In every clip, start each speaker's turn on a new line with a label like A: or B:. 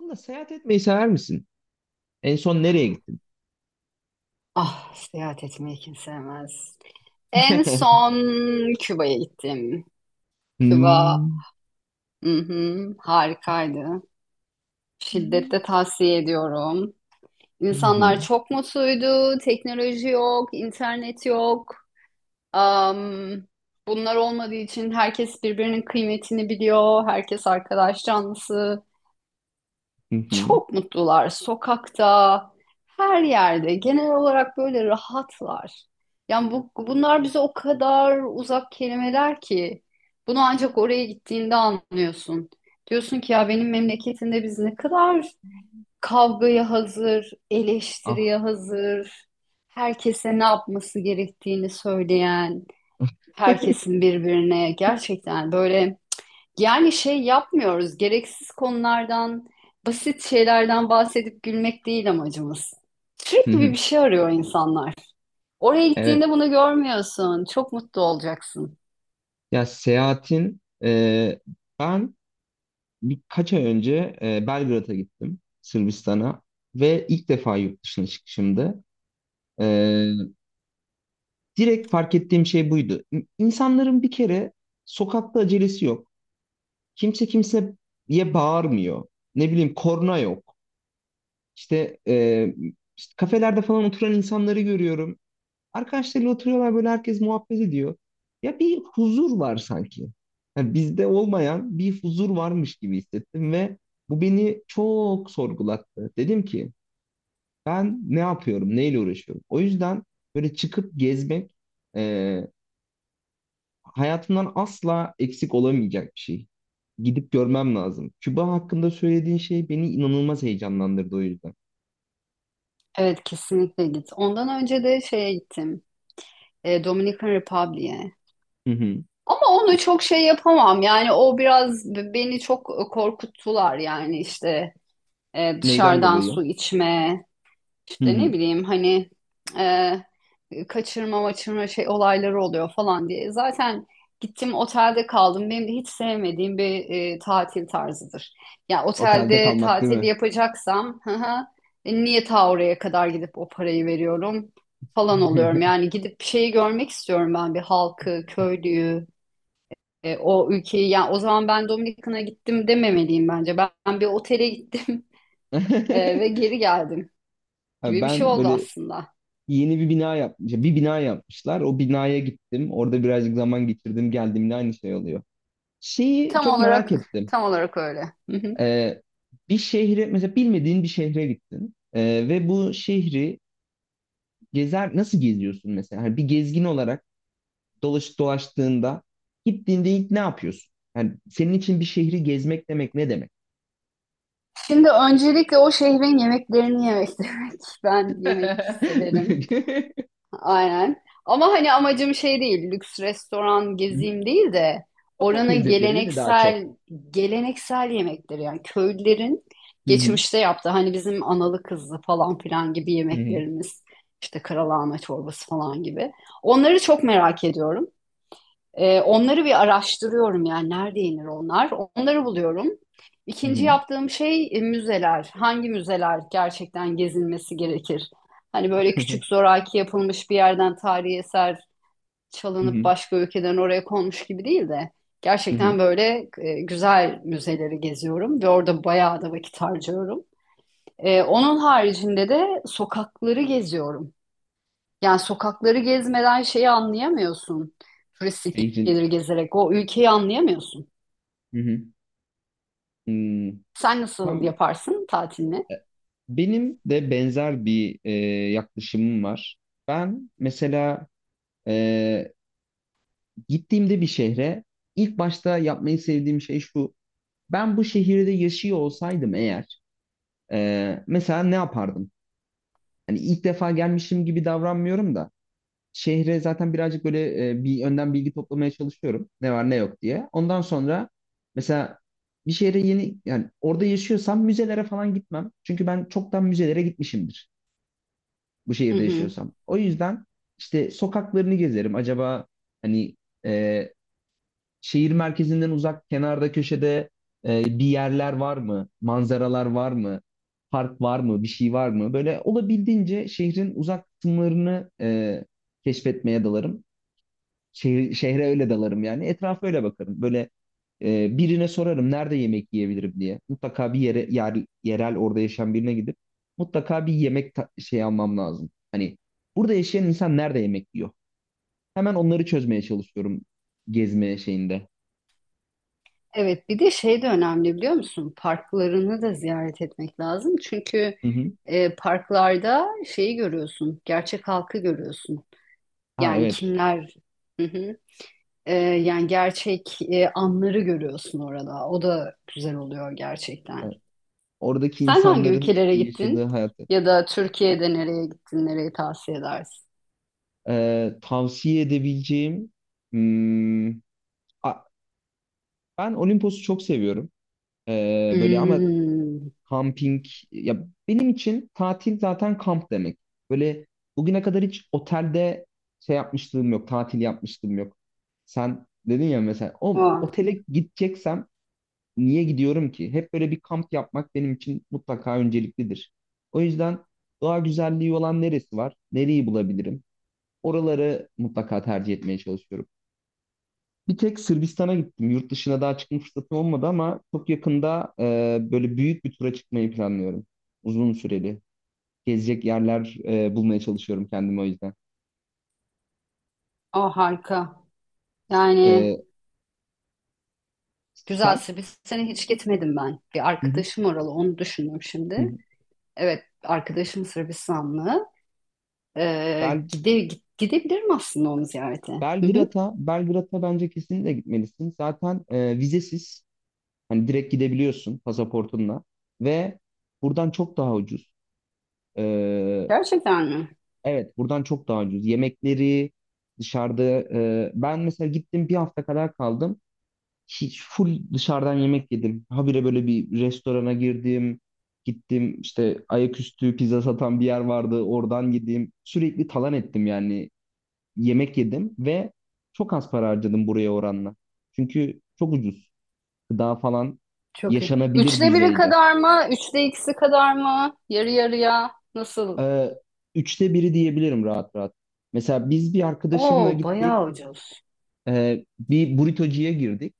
A: Ama seyahat etmeyi sever misin? En son nereye gittin?
B: Ah, seyahat etmeyi kim sevmez. En son Küba'ya gittim. Küba,
A: Hmm.
B: hı hı, harikaydı. Şiddetle tavsiye ediyorum.
A: Hı hı,
B: İnsanlar çok mutluydu. Teknoloji yok, internet yok. Am, bunlar olmadığı için herkes birbirinin kıymetini biliyor. Herkes arkadaş canlısı.
A: hı hı.
B: Çok mutlular. Sokakta, her yerde. Genel olarak böyle rahatlar. Yani bunlar bize o kadar uzak kelimeler ki. Bunu ancak oraya gittiğinde anlıyorsun. Diyorsun ki ya benim memleketimde biz ne kadar kavgaya hazır,
A: Ah.
B: eleştiriye hazır, herkese ne yapması gerektiğini söyleyen, herkesin birbirine gerçekten böyle yani şey yapmıyoruz. Gereksiz konulardan, basit şeylerden bahsedip gülmek değil amacımız.
A: Hı
B: Sürekli bir
A: hı,
B: bir şey arıyor insanlar. Oraya
A: evet.
B: gittiğinde bunu görmüyorsun. Çok mutlu olacaksın.
A: Ya seyahatin ben birkaç ay önce Belgrad'a gittim, Sırbistan'a ve ilk defa yurt dışına çıkışımdı. E, Direkt fark ettiğim şey buydu. İnsanların bir kere sokakta acelesi yok. Kimse kimseye bağırmıyor. Ne bileyim korna yok. İşte, işte kafelerde falan oturan insanları görüyorum. Arkadaşlarıyla oturuyorlar, böyle herkes muhabbet ediyor. Ya bir huzur var sanki. Yani bizde olmayan bir huzur varmış gibi hissettim ve bu beni çok sorgulattı. Dedim ki ben ne yapıyorum, neyle uğraşıyorum? O yüzden böyle çıkıp gezmek e, hayatımdan asla eksik olamayacak bir şey. Gidip görmem lazım. Küba hakkında söylediğin şey beni inanılmaz heyecanlandırdı o yüzden.
B: Evet kesinlikle git. Ondan önce de şeye gittim. Dominican Republic'e.
A: Hı hı.
B: Ama onu çok şey yapamam. Yani o biraz beni çok korkuttular. Yani işte
A: Neyden
B: dışarıdan
A: dolayı?
B: su içme,
A: Hı
B: İşte
A: hı.
B: ne bileyim hani kaçırma maçırma şey olayları oluyor falan diye. Zaten gittim otelde kaldım. Benim de hiç sevmediğim bir tatil tarzıdır. Ya
A: Otelde
B: otelde
A: kalmak değil
B: tatil
A: mi?
B: yapacaksam hı hı, niye ta oraya kadar gidip o parayı veriyorum falan oluyorum. Yani gidip bir şeyi görmek istiyorum ben, bir halkı, köylüyü, e, o ülkeyi. Yani o zaman ben Dominikan'a gittim dememeliyim bence. Ben bir otele gittim ve geri geldim
A: Abi,
B: gibi bir şey
A: ben
B: oldu
A: böyle
B: aslında.
A: yeni bir bina yapmış, bir bina yapmışlar. O binaya gittim. Orada birazcık zaman geçirdim. Geldiğimde aynı şey oluyor. Şeyi
B: Tam
A: çok
B: olarak
A: merak ettim.
B: tam olarak öyle. Hı hı.
A: Ee, bir şehre, mesela bilmediğin bir şehre gittin. Ve bu şehri gezer, nasıl geziyorsun mesela? Hani bir gezgin olarak dolaştığında, gittiğinde ilk ne yapıyorsun? Yani senin için bir şehri gezmek demek ne demek?
B: Şimdi öncelikle o şehrin yemeklerini yemek demek. Ben yemek severim. Aynen. Ama hani amacım şey değil, lüks restoran gezeyim değil de
A: Sokak
B: oranın
A: lezzetleri değil mi daha çok?
B: geleneksel yemekleri, yani köylülerin
A: Hı hı.
B: geçmişte yaptığı, hani bizim analı kızlı falan filan gibi
A: Hı hı.
B: yemeklerimiz, işte karalahana çorbası falan gibi. Onları çok merak ediyorum. Onları bir araştırıyorum, yani nerede yenir onlar. Onları buluyorum.
A: Hı
B: İkinci
A: hı.
B: yaptığım şey müzeler. Hangi müzeler gerçekten gezilmesi gerekir? Hani böyle küçük zoraki yapılmış bir yerden tarihi eser
A: Hı
B: çalınıp
A: hı.
B: başka ülkeden oraya konmuş gibi değil de
A: Hı hı.
B: gerçekten böyle güzel müzeleri geziyorum ve orada bayağı da vakit harcıyorum. Onun haricinde de sokakları geziyorum. Yani sokakları gezmeden şeyi anlayamıyorsun. Turistik
A: Beyzin.
B: geliri gezerek o ülkeyi anlayamıyorsun.
A: Hı hı. Hmm.
B: Sen nasıl
A: Tam
B: yaparsın tatilini?
A: e, benim de benzer bir yaklaşımım var. Ben mesela e, gittiğimde bir şehre ilk başta yapmayı sevdiğim şey şu. Ben bu şehirde yaşıyor olsaydım eğer mesela ne yapardım? Hani ilk defa gelmişim gibi davranmıyorum da şehre zaten birazcık böyle bir yönden bilgi toplamaya çalışıyorum. Ne var ne yok diye. Ondan sonra mesela bir şehre yeni, yani orada yaşıyorsam müzelere falan gitmem. Çünkü ben çoktan müzelere gitmişimdir bu
B: Hı
A: şehirde
B: hı.
A: yaşıyorsam. O yüzden işte sokaklarını gezerim. Acaba hani e, şehir merkezinden uzak kenarda köşede bir yerler var mı? Manzaralar var mı? Park var mı? Bir şey var mı? Böyle olabildiğince şehrin uzak kısımlarını keşfetmeye dalarım. Şehre öyle dalarım yani. Etrafa öyle bakarım. Böyle birine sorarım nerede yemek yiyebilirim diye. Mutlaka bir yere yerel orada yaşayan birine gidip mutlaka bir yemek şey almam lazım. Hani burada yaşayan insan nerede yemek yiyor? Hemen onları çözmeye çalışıyorum gezme şeyinde.
B: Evet, bir de şey de önemli, biliyor musun? Parklarını da ziyaret etmek lazım. Çünkü
A: Hı hı.
B: parklarda şeyi görüyorsun, gerçek halkı görüyorsun.
A: Ha,
B: Yani
A: evet.
B: kimler, hı hı. Yani gerçek anları görüyorsun orada. O da güzel oluyor
A: E,
B: gerçekten.
A: oradaki
B: Sen hangi
A: insanların
B: ülkelere
A: yaşadığı
B: gittin?
A: hayatı.
B: Ya da Türkiye'de nereye gittin? Nereyi tavsiye edersin?
A: Tavsiye edebileceğim hmm, a- ben Olimpos'u çok seviyorum. E, böyle ama
B: Hmm.
A: kamping, ya benim için tatil zaten kamp demek. Böyle bugüne kadar hiç otelde şey yapmışlığım yok, tatil yapmışlığım yok. Sen dedin ya, mesela o
B: O,
A: otele gideceksem niye gidiyorum ki? Hep böyle bir kamp yapmak benim için mutlaka önceliklidir. O yüzden doğa güzelliği olan neresi var? Nereyi bulabilirim? Oraları mutlaka tercih etmeye çalışıyorum. Bir tek Sırbistan'a gittim. Yurt dışına daha çıkma fırsatım olmadı ama çok yakında böyle büyük bir tura çıkmayı planlıyorum. Uzun süreli. Gezecek yerler bulmaya çalışıyorum kendime o yüzden.
B: o harika. Yani
A: E,
B: güzel.
A: sen?
B: Sırbistan'a hiç gitmedim ben. Bir
A: Hı hı,
B: arkadaşım oralı, onu düşündüm
A: hı
B: şimdi.
A: hı.
B: Evet, arkadaşım Sırbistanlı. Ee,
A: Bel,
B: gide, gidebilirim aslında onu ziyarete. Hı hı.
A: Belgrad'a bence kesinlikle gitmelisin. Zaten vizesiz. Hani direkt gidebiliyorsun pasaportunla. Ve buradan çok daha ucuz. E,
B: Gerçekten mi?
A: evet, buradan çok daha ucuz. Yemekleri dışarıda. E, ben mesela gittim, bir hafta kadar kaldım. Hiç full dışarıdan yemek yedim. Habire böyle bir restorana girdim. Gittim, işte ayaküstü pizza satan bir yer vardı. Oradan yedim. Sürekli talan ettim yani. Yemek yedim ve çok az para harcadım buraya oranla. Çünkü çok ucuz. Gıda falan
B: Çok iyi.
A: yaşanabilir
B: Üçte biri
A: düzeyde.
B: kadar mı? Üçte ikisi kadar mı? Yarı yarıya. Nasıl?
A: Ee, üçte biri diyebilirim rahat rahat. Mesela biz bir arkadaşımla
B: Oo,
A: gittik.
B: bayağı ucuz.
A: Bir burritocuya girdik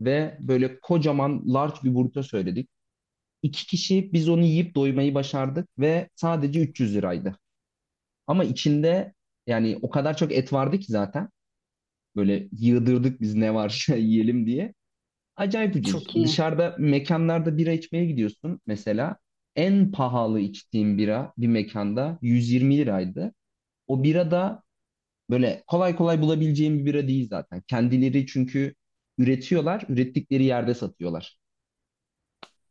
A: ve böyle kocaman large bir burrito söyledik. İki kişi biz onu yiyip doymayı başardık ve sadece 300 liraydı. Ama içinde, yani o kadar çok et vardı ki zaten. Böyle yığdırdık biz ne varsa yiyelim diye. Acayip
B: Çok
A: ucuz.
B: iyi.
A: Dışarıda mekanlarda bira içmeye gidiyorsun mesela. En pahalı içtiğim bira bir mekanda 120 liraydı. O bira da böyle kolay kolay bulabileceğim bir bira değil zaten. Kendileri çünkü üretiyorlar, ürettikleri yerde satıyorlar.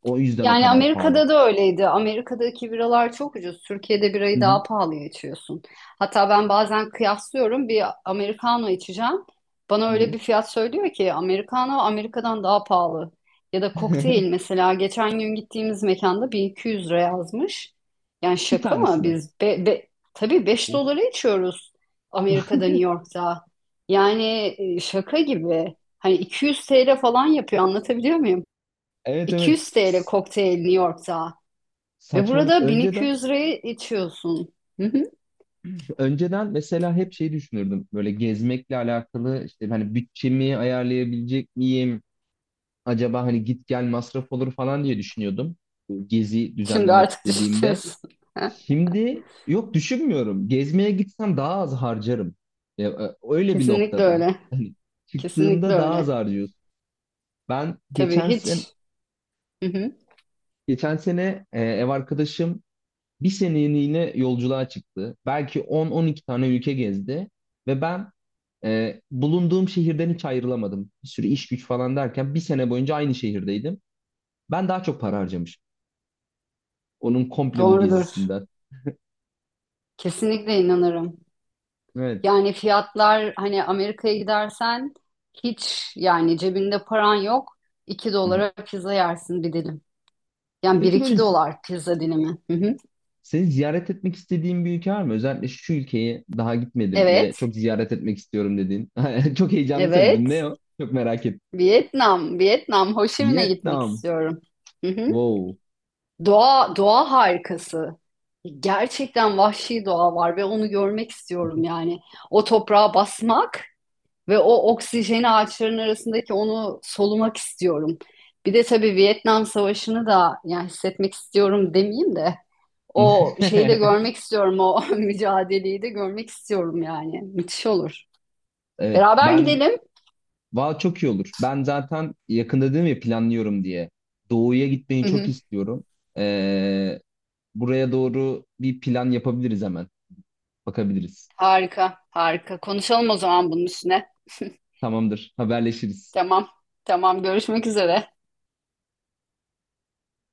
A: O yüzden o
B: Yani
A: kadar pahalı.
B: Amerika'da da öyleydi. Amerika'daki biralar çok ucuz. Türkiye'de
A: Hı
B: birayı
A: hı.
B: daha pahalıya içiyorsun. Hatta ben bazen kıyaslıyorum. Bir Americano içeceğim. Bana
A: Hı
B: öyle
A: hı.
B: bir fiyat söylüyor ki Americano Amerika'dan daha pahalı. Ya da kokteyl, mesela geçen gün gittiğimiz mekanda 1200 lira yazmış. Yani
A: Bir
B: şaka mı?
A: tanesini.
B: Tabii beş
A: Of.
B: dolara içiyoruz Amerika'da, New York'ta. Yani şaka gibi. Hani 200 TL falan yapıyor, anlatabiliyor,
A: Evet, evet.
B: 200 TL kokteyl New York'ta ve
A: Saçmalık.
B: burada
A: Önceden
B: 1200 liraya içiyorsun. Hı hı.
A: önceden mesela hep şey düşünürdüm. Böyle gezmekle alakalı işte hani bütçemi ayarlayabilecek miyim? Acaba hani git gel masraf olur falan diye düşünüyordum. Bu gezi
B: Şimdi
A: düzenlemek
B: artık
A: istediğimde.
B: düşünüyorsun. Ha,
A: Şimdi yok, düşünmüyorum. Gezmeye gitsem daha az harcarım. Ya, öyle bir
B: kesinlikle
A: noktada.
B: öyle.
A: Hani
B: Kesinlikle
A: çıktığında daha az
B: öyle.
A: harcıyorsun. Ben
B: Tabii
A: geçen sen
B: hiç. Hı hı.
A: Geçen sene ev arkadaşım bir seneliğine yolculuğa çıktı. Belki on-on iki tane ülke gezdi ve ben bulunduğum şehirden hiç ayrılamadım. Bir sürü iş güç falan derken bir sene boyunca aynı şehirdeydim. Ben daha çok para harcamışım. Onun komple bu
B: Doğrudur.
A: gezisinden.
B: Kesinlikle inanırım.
A: Evet.
B: Yani fiyatlar, hani Amerika'ya gidersen hiç yani cebinde paran yok. iki
A: Hı-hı.
B: dolara pizza yersin, bir dilim. Yani bir
A: Peki böyle
B: iki dolar pizza dilimi. Hı hı.
A: seni ziyaret etmek istediğin bir ülke var mı? Özellikle şu ülkeyi daha gitmedim
B: Evet,
A: ve çok ziyaret etmek istiyorum dediğin. Çok heyecanlı söyledin.
B: evet.
A: Ne o? Çok merak ettim.
B: Vietnam, Vietnam. Ho Chi Minh'e gitmek
A: Vietnam.
B: istiyorum. Hı hı.
A: Wow.
B: Doğa, doğa harikası. Gerçekten vahşi doğa var ve onu görmek istiyorum yani. O toprağa basmak ve o oksijeni, ağaçların arasındaki onu solumak istiyorum. Bir de tabii Vietnam Savaşı'nı da yani hissetmek istiyorum demeyeyim de o şeyi de görmek istiyorum. O mücadeleyi de görmek istiyorum yani. Müthiş olur.
A: Evet.
B: Beraber
A: Ben
B: gidelim.
A: valla çok iyi olur. Ben zaten yakında dedim ya planlıyorum diye. Doğu'ya gitmeyi
B: Hı
A: çok
B: hı.
A: istiyorum. Ee, buraya doğru bir plan yapabiliriz hemen. Bakabiliriz.
B: Harika, harika. Konuşalım o zaman bunun üstüne.
A: Tamamdır. Haberleşiriz.
B: Tamam, tamam. Görüşmek üzere.